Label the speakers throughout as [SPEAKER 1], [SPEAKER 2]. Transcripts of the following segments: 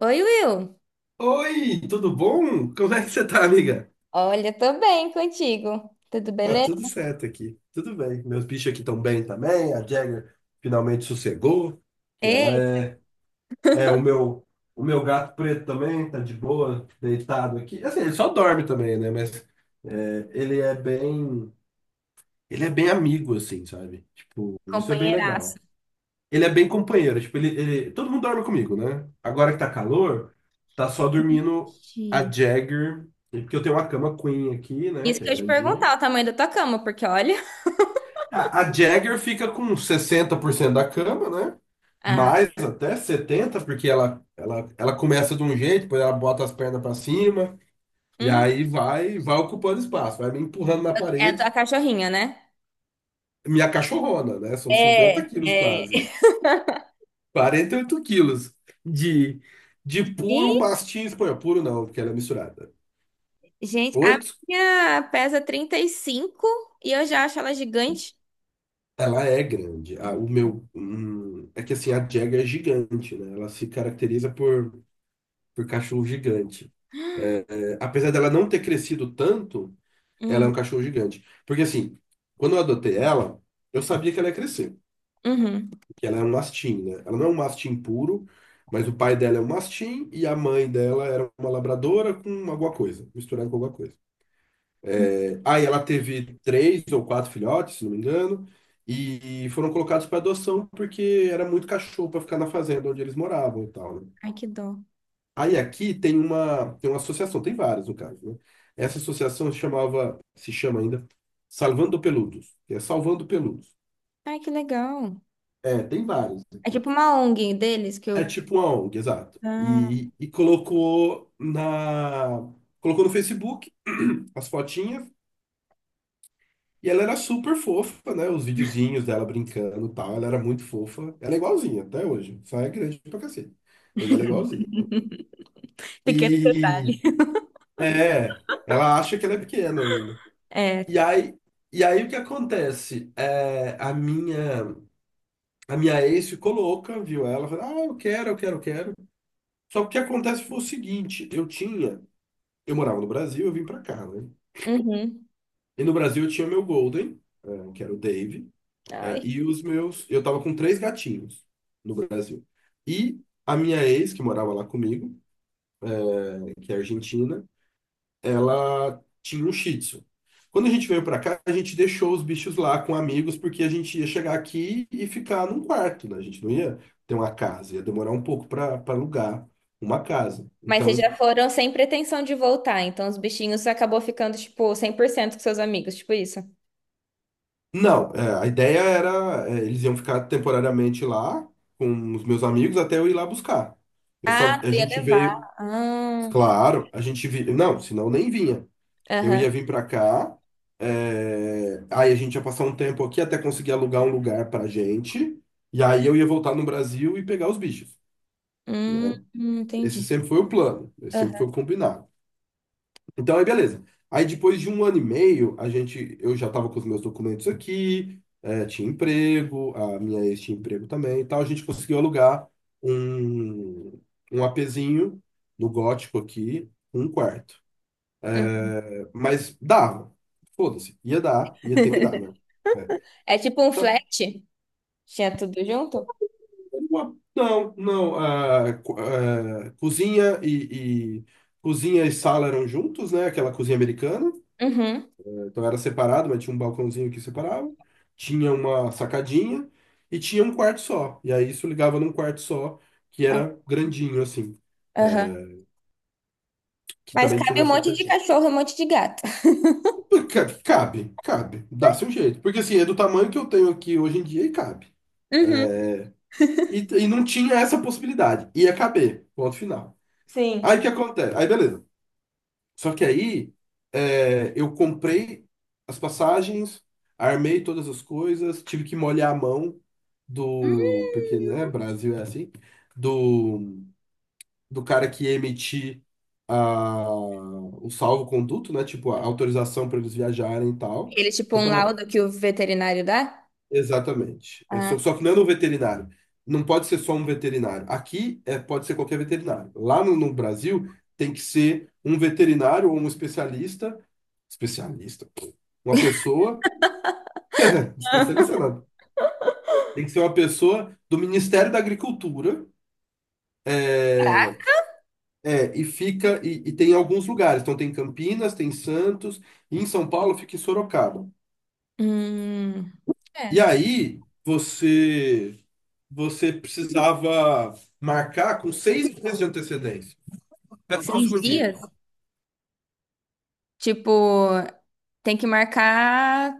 [SPEAKER 1] Oi, Will.
[SPEAKER 2] Oi, tudo bom? Como é que você tá, amiga?
[SPEAKER 1] Olha, tô bem contigo. Tudo
[SPEAKER 2] Tá
[SPEAKER 1] beleza?
[SPEAKER 2] tudo certo aqui, tudo bem. Meus bichos aqui estão bem também. A Jagger finalmente sossegou, que ela
[SPEAKER 1] Ei,
[SPEAKER 2] é o meu gato preto também tá de boa, deitado aqui. Assim, ele só dorme também, né? Mas ele é bem amigo, assim, sabe? Tipo, isso é bem
[SPEAKER 1] companheiraço.
[SPEAKER 2] legal. Ele é bem companheiro, tipo, todo mundo dorme comigo, né? Agora que tá calor, tá só dormindo
[SPEAKER 1] Ixi.
[SPEAKER 2] a Jagger, porque eu tenho uma cama queen aqui, né,
[SPEAKER 1] Isso
[SPEAKER 2] que é
[SPEAKER 1] que eu ia te
[SPEAKER 2] grandinha.
[SPEAKER 1] perguntar, o tamanho da tua cama, porque olha.
[SPEAKER 2] A Jagger fica com 60% da cama, né?
[SPEAKER 1] Ah,
[SPEAKER 2] Mais até 70%, porque ela começa de um jeito, depois ela bota as pernas pra cima, e
[SPEAKER 1] hum,
[SPEAKER 2] aí vai ocupando espaço, vai me empurrando na
[SPEAKER 1] é a tua
[SPEAKER 2] parede.
[SPEAKER 1] cachorrinha, né?
[SPEAKER 2] Minha cachorrona, né? São cinquenta
[SPEAKER 1] É,
[SPEAKER 2] quilos
[SPEAKER 1] é.
[SPEAKER 2] quase. 48 quilos de, de puro
[SPEAKER 1] Ih,
[SPEAKER 2] mastim espanhol. Puro não, porque ela é misturada.
[SPEAKER 1] gente, a
[SPEAKER 2] Oito,
[SPEAKER 1] minha pesa 35 e cinco e eu já acho ela gigante.
[SPEAKER 2] ela é grande. É que assim, a Jagger é gigante, né? Ela se caracteriza por cachorro gigante. É, apesar dela não ter crescido tanto, ela é
[SPEAKER 1] Hum,
[SPEAKER 2] um cachorro gigante. Porque assim, quando eu adotei ela, eu sabia que ela ia crescer,
[SPEAKER 1] uhum,
[SPEAKER 2] que ela é um mastim, né? Ela não é um mastim puro, mas o pai dela é um mastim e a mãe dela era uma labradora com alguma coisa, misturada com alguma coisa.
[SPEAKER 1] hum.
[SPEAKER 2] Aí ela teve três ou quatro filhotes, se não me engano, e foram colocados para adoção porque era muito cachorro para ficar na fazenda onde eles moravam e tal, né?
[SPEAKER 1] Ai, que dó.
[SPEAKER 2] Aí aqui tem uma, associação, tem várias no caso, né? Essa associação se chamava, se chama ainda Salvando Peludos, que é Salvando Peludos.
[SPEAKER 1] Ai, que legal.
[SPEAKER 2] É, tem várias
[SPEAKER 1] É
[SPEAKER 2] aqui.
[SPEAKER 1] tipo uma ONG deles que
[SPEAKER 2] É
[SPEAKER 1] eu.
[SPEAKER 2] tipo uma ONG, exato.
[SPEAKER 1] Ah,
[SPEAKER 2] E colocou no Facebook as fotinhas. E ela era super fofa, né? Os videozinhos dela brincando e tal. Ela era muito fofa. Ela é igualzinha até hoje. Só é grande pra cacete. Mas ela é igualzinha.
[SPEAKER 1] pequeno
[SPEAKER 2] E
[SPEAKER 1] detalhe.
[SPEAKER 2] é, ela acha que ela é pequena ainda.
[SPEAKER 1] É.
[SPEAKER 2] E aí, e aí, o que acontece? A minha ex ficou louca, viu? Ela falou, ah, eu quero, eu quero, eu quero. Só que o que acontece foi o seguinte, eu morava no Brasil, eu vim pra cá, né?
[SPEAKER 1] Uhum.
[SPEAKER 2] E no Brasil eu tinha o meu Golden, que era o Dave,
[SPEAKER 1] Ai.
[SPEAKER 2] e os meus. Eu tava com três gatinhos no Brasil. E a minha ex, que morava lá comigo, né, que é argentina, ela tinha um Shih Tzu. Quando a gente veio pra cá, a gente deixou os bichos lá com amigos, porque a gente ia chegar aqui e ficar num quarto, né? A gente não ia ter uma casa, ia demorar um pouco pra alugar uma casa.
[SPEAKER 1] Mas vocês
[SPEAKER 2] Então.
[SPEAKER 1] já foram sem pretensão de voltar, então os bichinhos acabou ficando, tipo, 100% com seus amigos, tipo isso.
[SPEAKER 2] Não, a ideia era, eles iam ficar temporariamente lá com os meus amigos até eu ir lá buscar. Eu só,
[SPEAKER 1] Ah,
[SPEAKER 2] a
[SPEAKER 1] tu ia
[SPEAKER 2] gente veio,
[SPEAKER 1] levar. Ah,
[SPEAKER 2] claro, não, senão nem vinha. Eu
[SPEAKER 1] aham.
[SPEAKER 2] ia vir pra cá, aí a gente ia passar um tempo aqui até conseguir alugar um lugar pra gente, e aí eu ia voltar no Brasil e pegar os bichos. Esse
[SPEAKER 1] Entendi.
[SPEAKER 2] sempre foi o plano, esse sempre
[SPEAKER 1] Aham.
[SPEAKER 2] foi o combinado. Então, aí beleza. Aí depois de um ano e meio, a gente, eu já estava com os meus documentos aqui, tinha emprego, a minha ex tinha emprego também e tal. A gente conseguiu alugar um, um apezinho no Gótico aqui, um quarto.
[SPEAKER 1] Hum.
[SPEAKER 2] É, mas dava. Foda-se. Ia dar, ia ter que dar, né? É.
[SPEAKER 1] É tipo um
[SPEAKER 2] Tá.
[SPEAKER 1] flat? Tinha tudo junto?
[SPEAKER 2] Não, não. Cozinha e sala eram juntos, né? Aquela cozinha americana.
[SPEAKER 1] Uhum.
[SPEAKER 2] Então era separado, mas tinha um balcãozinho que separava, tinha uma sacadinha e tinha um quarto só. E aí isso ligava num quarto só, que
[SPEAKER 1] Ah,
[SPEAKER 2] era grandinho, assim,
[SPEAKER 1] aham.
[SPEAKER 2] que
[SPEAKER 1] Mas
[SPEAKER 2] também tinha
[SPEAKER 1] cabe
[SPEAKER 2] uma
[SPEAKER 1] um monte de
[SPEAKER 2] sacadinha.
[SPEAKER 1] cachorro, um monte de gato.
[SPEAKER 2] Pô, cabe, cabe, dá se um jeito. Porque assim, é do tamanho que eu tenho aqui hoje em dia e cabe.
[SPEAKER 1] Uhum.
[SPEAKER 2] E não tinha essa possibilidade. Ia caber, ponto final. Aí o
[SPEAKER 1] Sim.
[SPEAKER 2] que acontece? Aí beleza. Só que aí eu comprei as passagens, armei todas as coisas, tive que molhar a mão do, porque, né, Brasil é assim, do, do cara que ia emitir o salvo-conduto, né, tipo, a autorização para eles viajarem e tal.
[SPEAKER 1] Ele, é tipo,
[SPEAKER 2] Então
[SPEAKER 1] um
[SPEAKER 2] tava,
[SPEAKER 1] laudo que o veterinário dá?
[SPEAKER 2] exatamente. É,
[SPEAKER 1] Ah.
[SPEAKER 2] só que não é no veterinário. Não pode ser só um veterinário. Aqui é, pode ser qualquer veterinário. Lá no Brasil tem que ser um veterinário ou um especialista. Especialista, pô. Uma pessoa. Especialista nada. Tem que ser uma pessoa do Ministério da Agricultura. É, é, e fica. E tem em alguns lugares. Então tem Campinas, tem Santos. E em São Paulo fica em Sorocaba.
[SPEAKER 1] Hum.
[SPEAKER 2] E
[SPEAKER 1] É.
[SPEAKER 2] aí você. Você precisava marcar com 6 meses de antecedência. Espera só um
[SPEAKER 1] Seis
[SPEAKER 2] segundinho.
[SPEAKER 1] dias? Tipo, tem que marcar.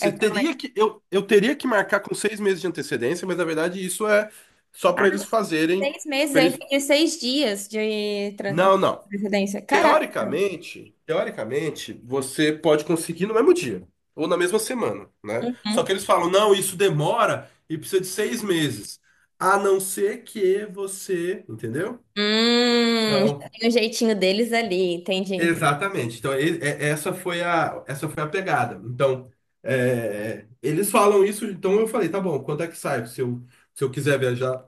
[SPEAKER 1] É.
[SPEAKER 2] teria que. Eu teria que marcar com 6 meses de antecedência, mas na verdade isso é só
[SPEAKER 1] Ah,
[SPEAKER 2] para eles fazerem.
[SPEAKER 1] seis meses,
[SPEAKER 2] Pra
[SPEAKER 1] eu
[SPEAKER 2] eles...
[SPEAKER 1] entendi seis dias de, de
[SPEAKER 2] Não, não.
[SPEAKER 1] residência. Caraca.
[SPEAKER 2] Teoricamente, teoricamente, você pode conseguir no mesmo dia ou na mesma semana, né? Só que
[SPEAKER 1] Uhum.
[SPEAKER 2] eles falam, não, isso demora e precisa de 6 meses, a não ser que você, entendeu?
[SPEAKER 1] Já
[SPEAKER 2] Então,
[SPEAKER 1] tem um jeitinho deles ali, entendi.
[SPEAKER 2] exatamente. Então, essa foi a pegada. Então, eles falam isso. Então, eu falei, tá bom. Quanto é que sai? Se eu quiser viajar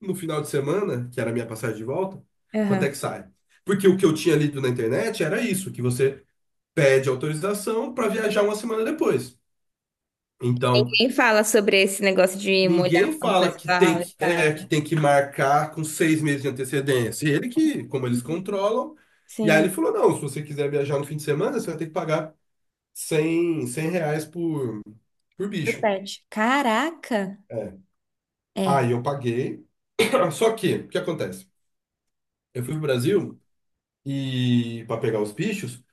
[SPEAKER 2] no final de semana, que era a minha passagem de volta, quanto é
[SPEAKER 1] Aham.
[SPEAKER 2] que sai? Porque o que eu tinha lido na internet era isso, que você pede autorização para viajar uma semana depois. Então,
[SPEAKER 1] Quem fala sobre esse negócio de molhar
[SPEAKER 2] ninguém
[SPEAKER 1] a mão do
[SPEAKER 2] fala que
[SPEAKER 1] pessoal
[SPEAKER 2] tem
[SPEAKER 1] e
[SPEAKER 2] que,
[SPEAKER 1] tal?
[SPEAKER 2] que tem que marcar com 6 meses de antecedência. Ele que, como eles controlam. E aí
[SPEAKER 1] Sim,
[SPEAKER 2] ele falou: não, se você quiser viajar no fim de semana, você vai ter que pagar 100 R$ 100 por
[SPEAKER 1] do
[SPEAKER 2] bicho.
[SPEAKER 1] pet. Caraca!
[SPEAKER 2] É.
[SPEAKER 1] É.
[SPEAKER 2] Aí eu paguei. Só que, o que acontece? Eu fui pro Brasil e para pegar os bichos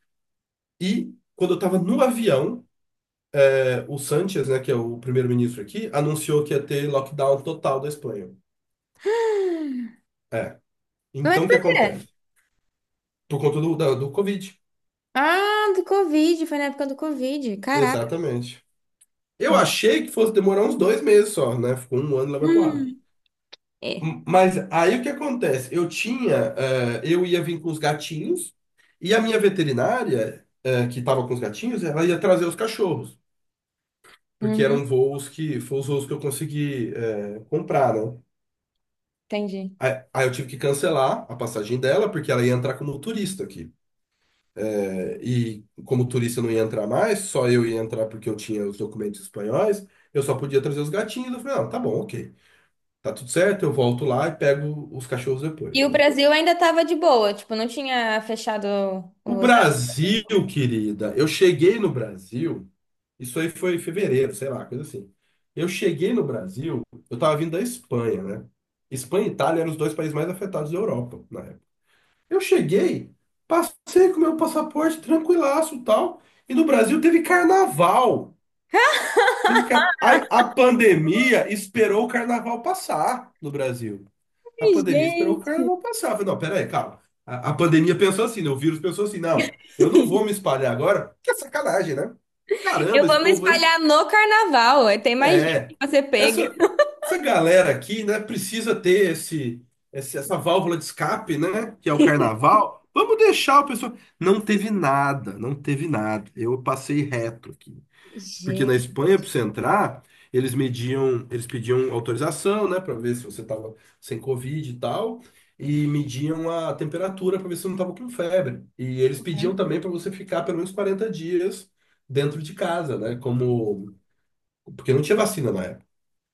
[SPEAKER 2] e. Quando eu estava no avião, o Sánchez, né, que é o primeiro-ministro aqui, anunciou que ia ter lockdown total da Espanha. É.
[SPEAKER 1] Mas
[SPEAKER 2] Então, o que
[SPEAKER 1] por quê?
[SPEAKER 2] acontece? Por conta do Covid.
[SPEAKER 1] Ah, do Covid, foi na época do Covid. Caraca.
[SPEAKER 2] Exatamente. Eu achei que fosse demorar uns 2 meses só, né? Ficou um ano lá vai pro ar.
[SPEAKER 1] Hum. É.
[SPEAKER 2] Mas aí o que acontece? Eu tinha, eu ia vir com os gatinhos e a minha veterinária, que estava com os gatinhos, ela ia trazer os cachorros, porque
[SPEAKER 1] Uhum,
[SPEAKER 2] eram voos que, foram os voos que eu consegui, comprar, né?
[SPEAKER 1] entendi.
[SPEAKER 2] Aí, eu tive que cancelar a passagem dela, porque ela ia entrar como turista aqui. E como turista eu não ia entrar mais, só eu ia entrar porque eu tinha os documentos espanhóis, eu só podia trazer os gatinhos. Eu falei, não, tá bom, ok. Tá tudo certo, eu volto lá e pego os cachorros
[SPEAKER 1] E
[SPEAKER 2] depois,
[SPEAKER 1] o
[SPEAKER 2] né?
[SPEAKER 1] Brasil ainda tava de boa, tipo, não tinha fechado
[SPEAKER 2] O
[SPEAKER 1] os. Ai,
[SPEAKER 2] Brasil, querida, eu cheguei no Brasil, isso aí foi em fevereiro, sei lá, coisa assim. Eu cheguei no Brasil, eu tava vindo da Espanha, né? Espanha e Itália eram os dois países mais afetados da Europa na época. Eu cheguei, passei com meu passaporte tranquilaço e tal, e no Brasil teve carnaval. A pandemia esperou o carnaval passar no Brasil. A pandemia esperou o
[SPEAKER 1] gente.
[SPEAKER 2] carnaval passar. Eu falei, não, peraí, calma. A pandemia pensou assim, né? O vírus pensou assim, não, eu não vou me espalhar agora, que é sacanagem, né?
[SPEAKER 1] Eu
[SPEAKER 2] Caramba, esse
[SPEAKER 1] vou me
[SPEAKER 2] povo aí.
[SPEAKER 1] espalhar no carnaval. Aí tem mais gente
[SPEAKER 2] É.
[SPEAKER 1] que você pega.
[SPEAKER 2] Essa, essa galera aqui, né, precisa ter essa válvula de escape, né? Que é o carnaval. Vamos deixar o pessoal. Não teve nada, não teve nada. Eu passei reto aqui. Porque na
[SPEAKER 1] Gente,
[SPEAKER 2] Espanha, para você entrar, eles mediam, eles pediam autorização, né, para ver se você estava sem Covid e tal, e mediam a temperatura para ver se você não estava com febre. E eles pediam
[SPEAKER 1] uhum.
[SPEAKER 2] também para você ficar pelo menos 40 dias dentro de casa, né, como porque não tinha vacina na época.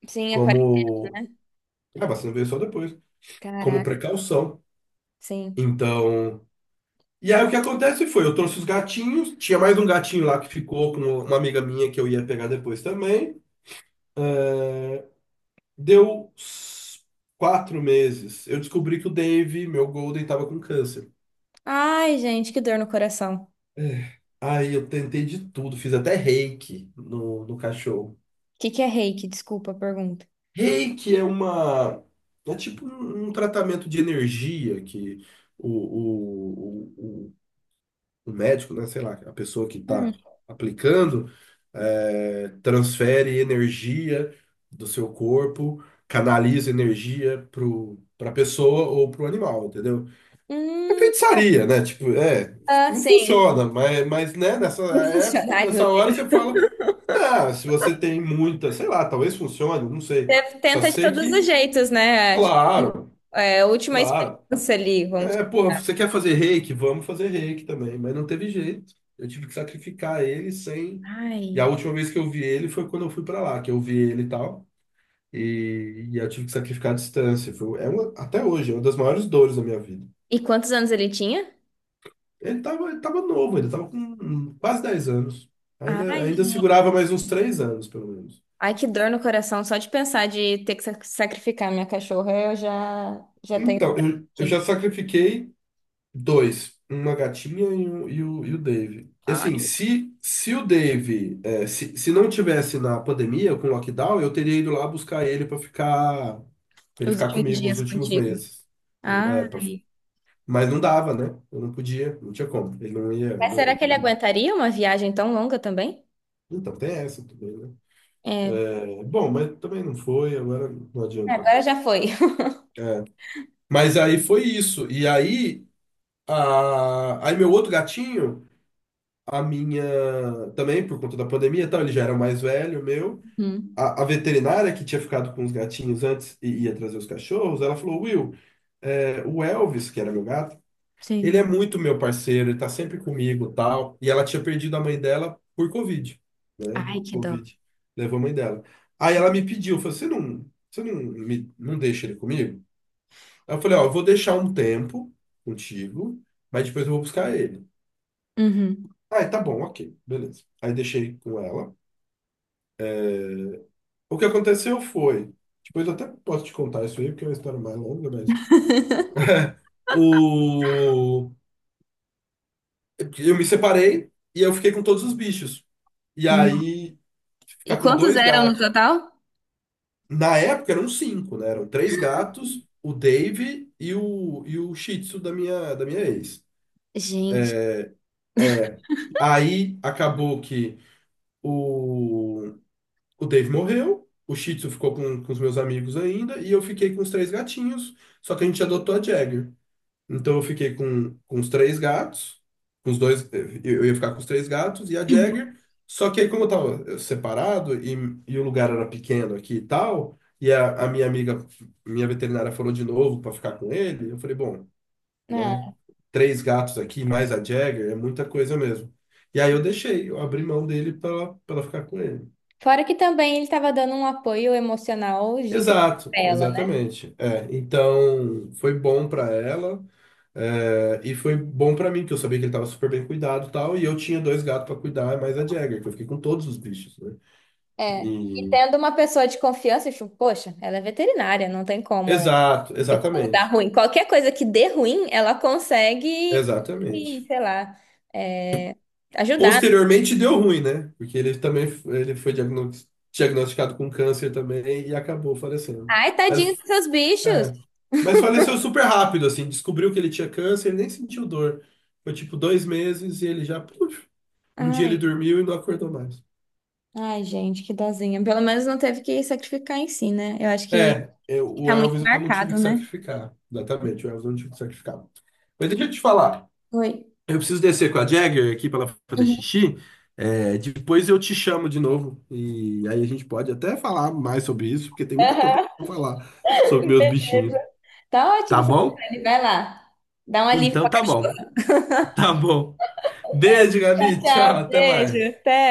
[SPEAKER 1] Sim, aquarela,
[SPEAKER 2] Como
[SPEAKER 1] né?
[SPEAKER 2] a vacina veio só depois, como
[SPEAKER 1] Caraca,
[SPEAKER 2] precaução.
[SPEAKER 1] sim.
[SPEAKER 2] Então, e aí o que acontece foi, eu trouxe os gatinhos, tinha mais um gatinho lá que ficou com uma amiga minha que eu ia pegar depois também. Deu s- quatro meses. Eu descobri que o Dave, meu Golden, tava com câncer.
[SPEAKER 1] Ai, gente, que dor no coração. O
[SPEAKER 2] Aí eu tentei de tudo, fiz até reiki no cachorro.
[SPEAKER 1] que que é reiki? Desculpa a pergunta.
[SPEAKER 2] Reiki é uma. É tipo um, tratamento de energia que o, o, o, o- o médico, né, sei lá, a pessoa que
[SPEAKER 1] Hum.
[SPEAKER 2] tá aplicando, transfere energia do seu corpo, canaliza energia pra pessoa ou pro animal, entendeu? É
[SPEAKER 1] Hum.
[SPEAKER 2] feitiçaria, né? Tipo,
[SPEAKER 1] Ah,
[SPEAKER 2] não
[SPEAKER 1] sim.
[SPEAKER 2] funciona, mas né, nessa época,
[SPEAKER 1] Funcionar, meu
[SPEAKER 2] nessa hora
[SPEAKER 1] Deus.
[SPEAKER 2] você fala, ah, se você tem muita, sei lá, talvez funcione, não sei.
[SPEAKER 1] Você
[SPEAKER 2] Só
[SPEAKER 1] tenta de
[SPEAKER 2] sei
[SPEAKER 1] todos os
[SPEAKER 2] que,
[SPEAKER 1] jeitos, né? É, tipo,
[SPEAKER 2] claro,
[SPEAKER 1] é a última
[SPEAKER 2] claro.
[SPEAKER 1] experiência ali, vamos.
[SPEAKER 2] É, porra, você quer fazer reiki? Vamos fazer reiki também, mas não teve jeito. Eu tive que sacrificar ele sem. E a
[SPEAKER 1] Ai.
[SPEAKER 2] última vez que eu vi ele foi quando eu fui pra lá, que eu vi ele e tal. E eu tive que sacrificar a distância. Foi, é uma, até hoje, é uma das maiores dores da minha vida.
[SPEAKER 1] E quantos anos ele tinha?
[SPEAKER 2] Ele tava novo, ele estava com quase 10 anos. Ainda,
[SPEAKER 1] Ai,
[SPEAKER 2] ainda
[SPEAKER 1] gente.
[SPEAKER 2] segurava mais uns 3 anos, pelo menos.
[SPEAKER 1] Ai, que dor no coração, só de pensar de ter que sacrificar minha cachorra, eu já, já tenho
[SPEAKER 2] Então, eu
[SPEAKER 1] aqui.
[SPEAKER 2] já sacrifiquei dois, uma gatinha e o Dave. E assim,
[SPEAKER 1] Ai.
[SPEAKER 2] se o Dave, se não tivesse na pandemia, com o lockdown, eu teria ido lá buscar ele para ficar, pra ele
[SPEAKER 1] Os
[SPEAKER 2] ficar
[SPEAKER 1] últimos
[SPEAKER 2] comigo os
[SPEAKER 1] dias
[SPEAKER 2] últimos
[SPEAKER 1] contigo.
[SPEAKER 2] meses. O- é, pra-
[SPEAKER 1] Ai.
[SPEAKER 2] mas não dava, né? Eu não podia, não tinha como. Ele não ia.
[SPEAKER 1] Mas será que ele aguentaria uma viagem tão longa também?
[SPEAKER 2] Então, tem essa também, né?
[SPEAKER 1] É.
[SPEAKER 2] É, bom, mas também não foi, agora não
[SPEAKER 1] É,
[SPEAKER 2] adianta.
[SPEAKER 1] agora já foi.
[SPEAKER 2] Mas aí foi isso. E aí, aí meu outro gatinho, a minha também por conta da pandemia, e tal, ele já era mais velho, meu.
[SPEAKER 1] Hum,
[SPEAKER 2] A veterinária que tinha ficado com os gatinhos antes e ia trazer os cachorros, ela falou: Will, é, o Elvis, que era meu gato, ele é
[SPEAKER 1] sim.
[SPEAKER 2] muito meu parceiro, ele tá sempre comigo, tal. E ela tinha perdido a mãe dela por Covid, né?
[SPEAKER 1] Ai,
[SPEAKER 2] O
[SPEAKER 1] que dó.
[SPEAKER 2] Covid levou a mãe dela. Aí ela
[SPEAKER 1] Gente.
[SPEAKER 2] me pediu, falou: você não, me, não deixa ele comigo? Aí eu falei, ó, eu vou deixar um tempo contigo, mas depois eu vou buscar ele.
[SPEAKER 1] Uhum.
[SPEAKER 2] Ah, tá bom, ok, beleza. Aí deixei com ela. O que aconteceu foi, depois eu até posso te contar isso aí, porque é uma história mais longa, mas o eu me separei e eu fiquei com todos os bichos. E
[SPEAKER 1] Nossa.
[SPEAKER 2] aí
[SPEAKER 1] E
[SPEAKER 2] ficar com
[SPEAKER 1] quantos
[SPEAKER 2] dois
[SPEAKER 1] eram no
[SPEAKER 2] gatos.
[SPEAKER 1] total?
[SPEAKER 2] Na época eram cinco, né? Eram três gatos, o Dave e o Shih Tzu da minha ex.
[SPEAKER 1] Gente.
[SPEAKER 2] Aí acabou que o O Dave morreu, o Shih Tzu ficou com os meus amigos ainda, e eu fiquei com os três gatinhos, só que a gente adotou a Jagger. Então eu fiquei com os três gatos, com os dois, eh, eu ia ficar com os três gatos e a Jagger, só que aí como eu tava separado e, o lugar era pequeno aqui e tal, e a minha amiga, minha veterinária falou de novo para ficar com ele, eu falei, bom, né,
[SPEAKER 1] É.
[SPEAKER 2] três gatos aqui mais a Jagger é muita coisa mesmo. E aí eu deixei, eu abri mão dele para ela pra ela ficar com ele.
[SPEAKER 1] Fora que também ele estava dando um apoio emocional gigante
[SPEAKER 2] Exato,
[SPEAKER 1] pra ela, né?
[SPEAKER 2] exatamente. É, então foi bom para ela, é, e foi bom para mim, que eu sabia que ele estava super bem cuidado e tal, e eu tinha dois gatos para cuidar, mais a Jagger, que eu fiquei com todos os bichos, né?
[SPEAKER 1] É. E
[SPEAKER 2] E-
[SPEAKER 1] tendo uma pessoa de confiança, tipo, poxa, ela é veterinária, não tem como,
[SPEAKER 2] Exato,
[SPEAKER 1] tipo, dar
[SPEAKER 2] exatamente.
[SPEAKER 1] ruim. Qualquer coisa que dê ruim, ela consegue, e,
[SPEAKER 2] Exatamente.
[SPEAKER 1] sei lá, é, ajudar.
[SPEAKER 2] Posteriormente deu ruim, né? Porque ele também ele foi diagnosticado com câncer também e acabou falecendo.
[SPEAKER 1] Ai, tadinho
[SPEAKER 2] Mas,
[SPEAKER 1] dos seus bichos.
[SPEAKER 2] é, mas faleceu super rápido, assim, descobriu que ele tinha câncer, ele nem sentiu dor. Foi tipo 2 meses e ele já. Um dia ele
[SPEAKER 1] Ai,
[SPEAKER 2] dormiu e não acordou mais.
[SPEAKER 1] ai, gente, que dozinha. Pelo menos não teve que sacrificar em si, né? Eu acho que
[SPEAKER 2] É, o
[SPEAKER 1] fica muito
[SPEAKER 2] Elvis eu não tive
[SPEAKER 1] marcado,
[SPEAKER 2] que
[SPEAKER 1] né?
[SPEAKER 2] sacrificar. Exatamente, o Elvis eu não tive que sacrificar. Mas deixa eu te falar.
[SPEAKER 1] Oi.
[SPEAKER 2] Eu preciso descer com a Jagger aqui para ela fazer
[SPEAKER 1] Uhum.
[SPEAKER 2] xixi. É, depois eu te chamo de novo. E aí a gente pode até falar mais sobre isso, porque tem muita coisa para
[SPEAKER 1] Aham,
[SPEAKER 2] falar sobre meus bichinhos.
[SPEAKER 1] beleza. Tá
[SPEAKER 2] Tá
[SPEAKER 1] ótimo,
[SPEAKER 2] bom?
[SPEAKER 1] Franciele. Vai lá. Dá um alívio pra
[SPEAKER 2] Então tá bom.
[SPEAKER 1] cachorro.
[SPEAKER 2] Tá bom. Beijo,
[SPEAKER 1] Tchau,
[SPEAKER 2] Gabi.
[SPEAKER 1] tchau.
[SPEAKER 2] Tchau, até
[SPEAKER 1] Beijo.
[SPEAKER 2] mais.
[SPEAKER 1] Até.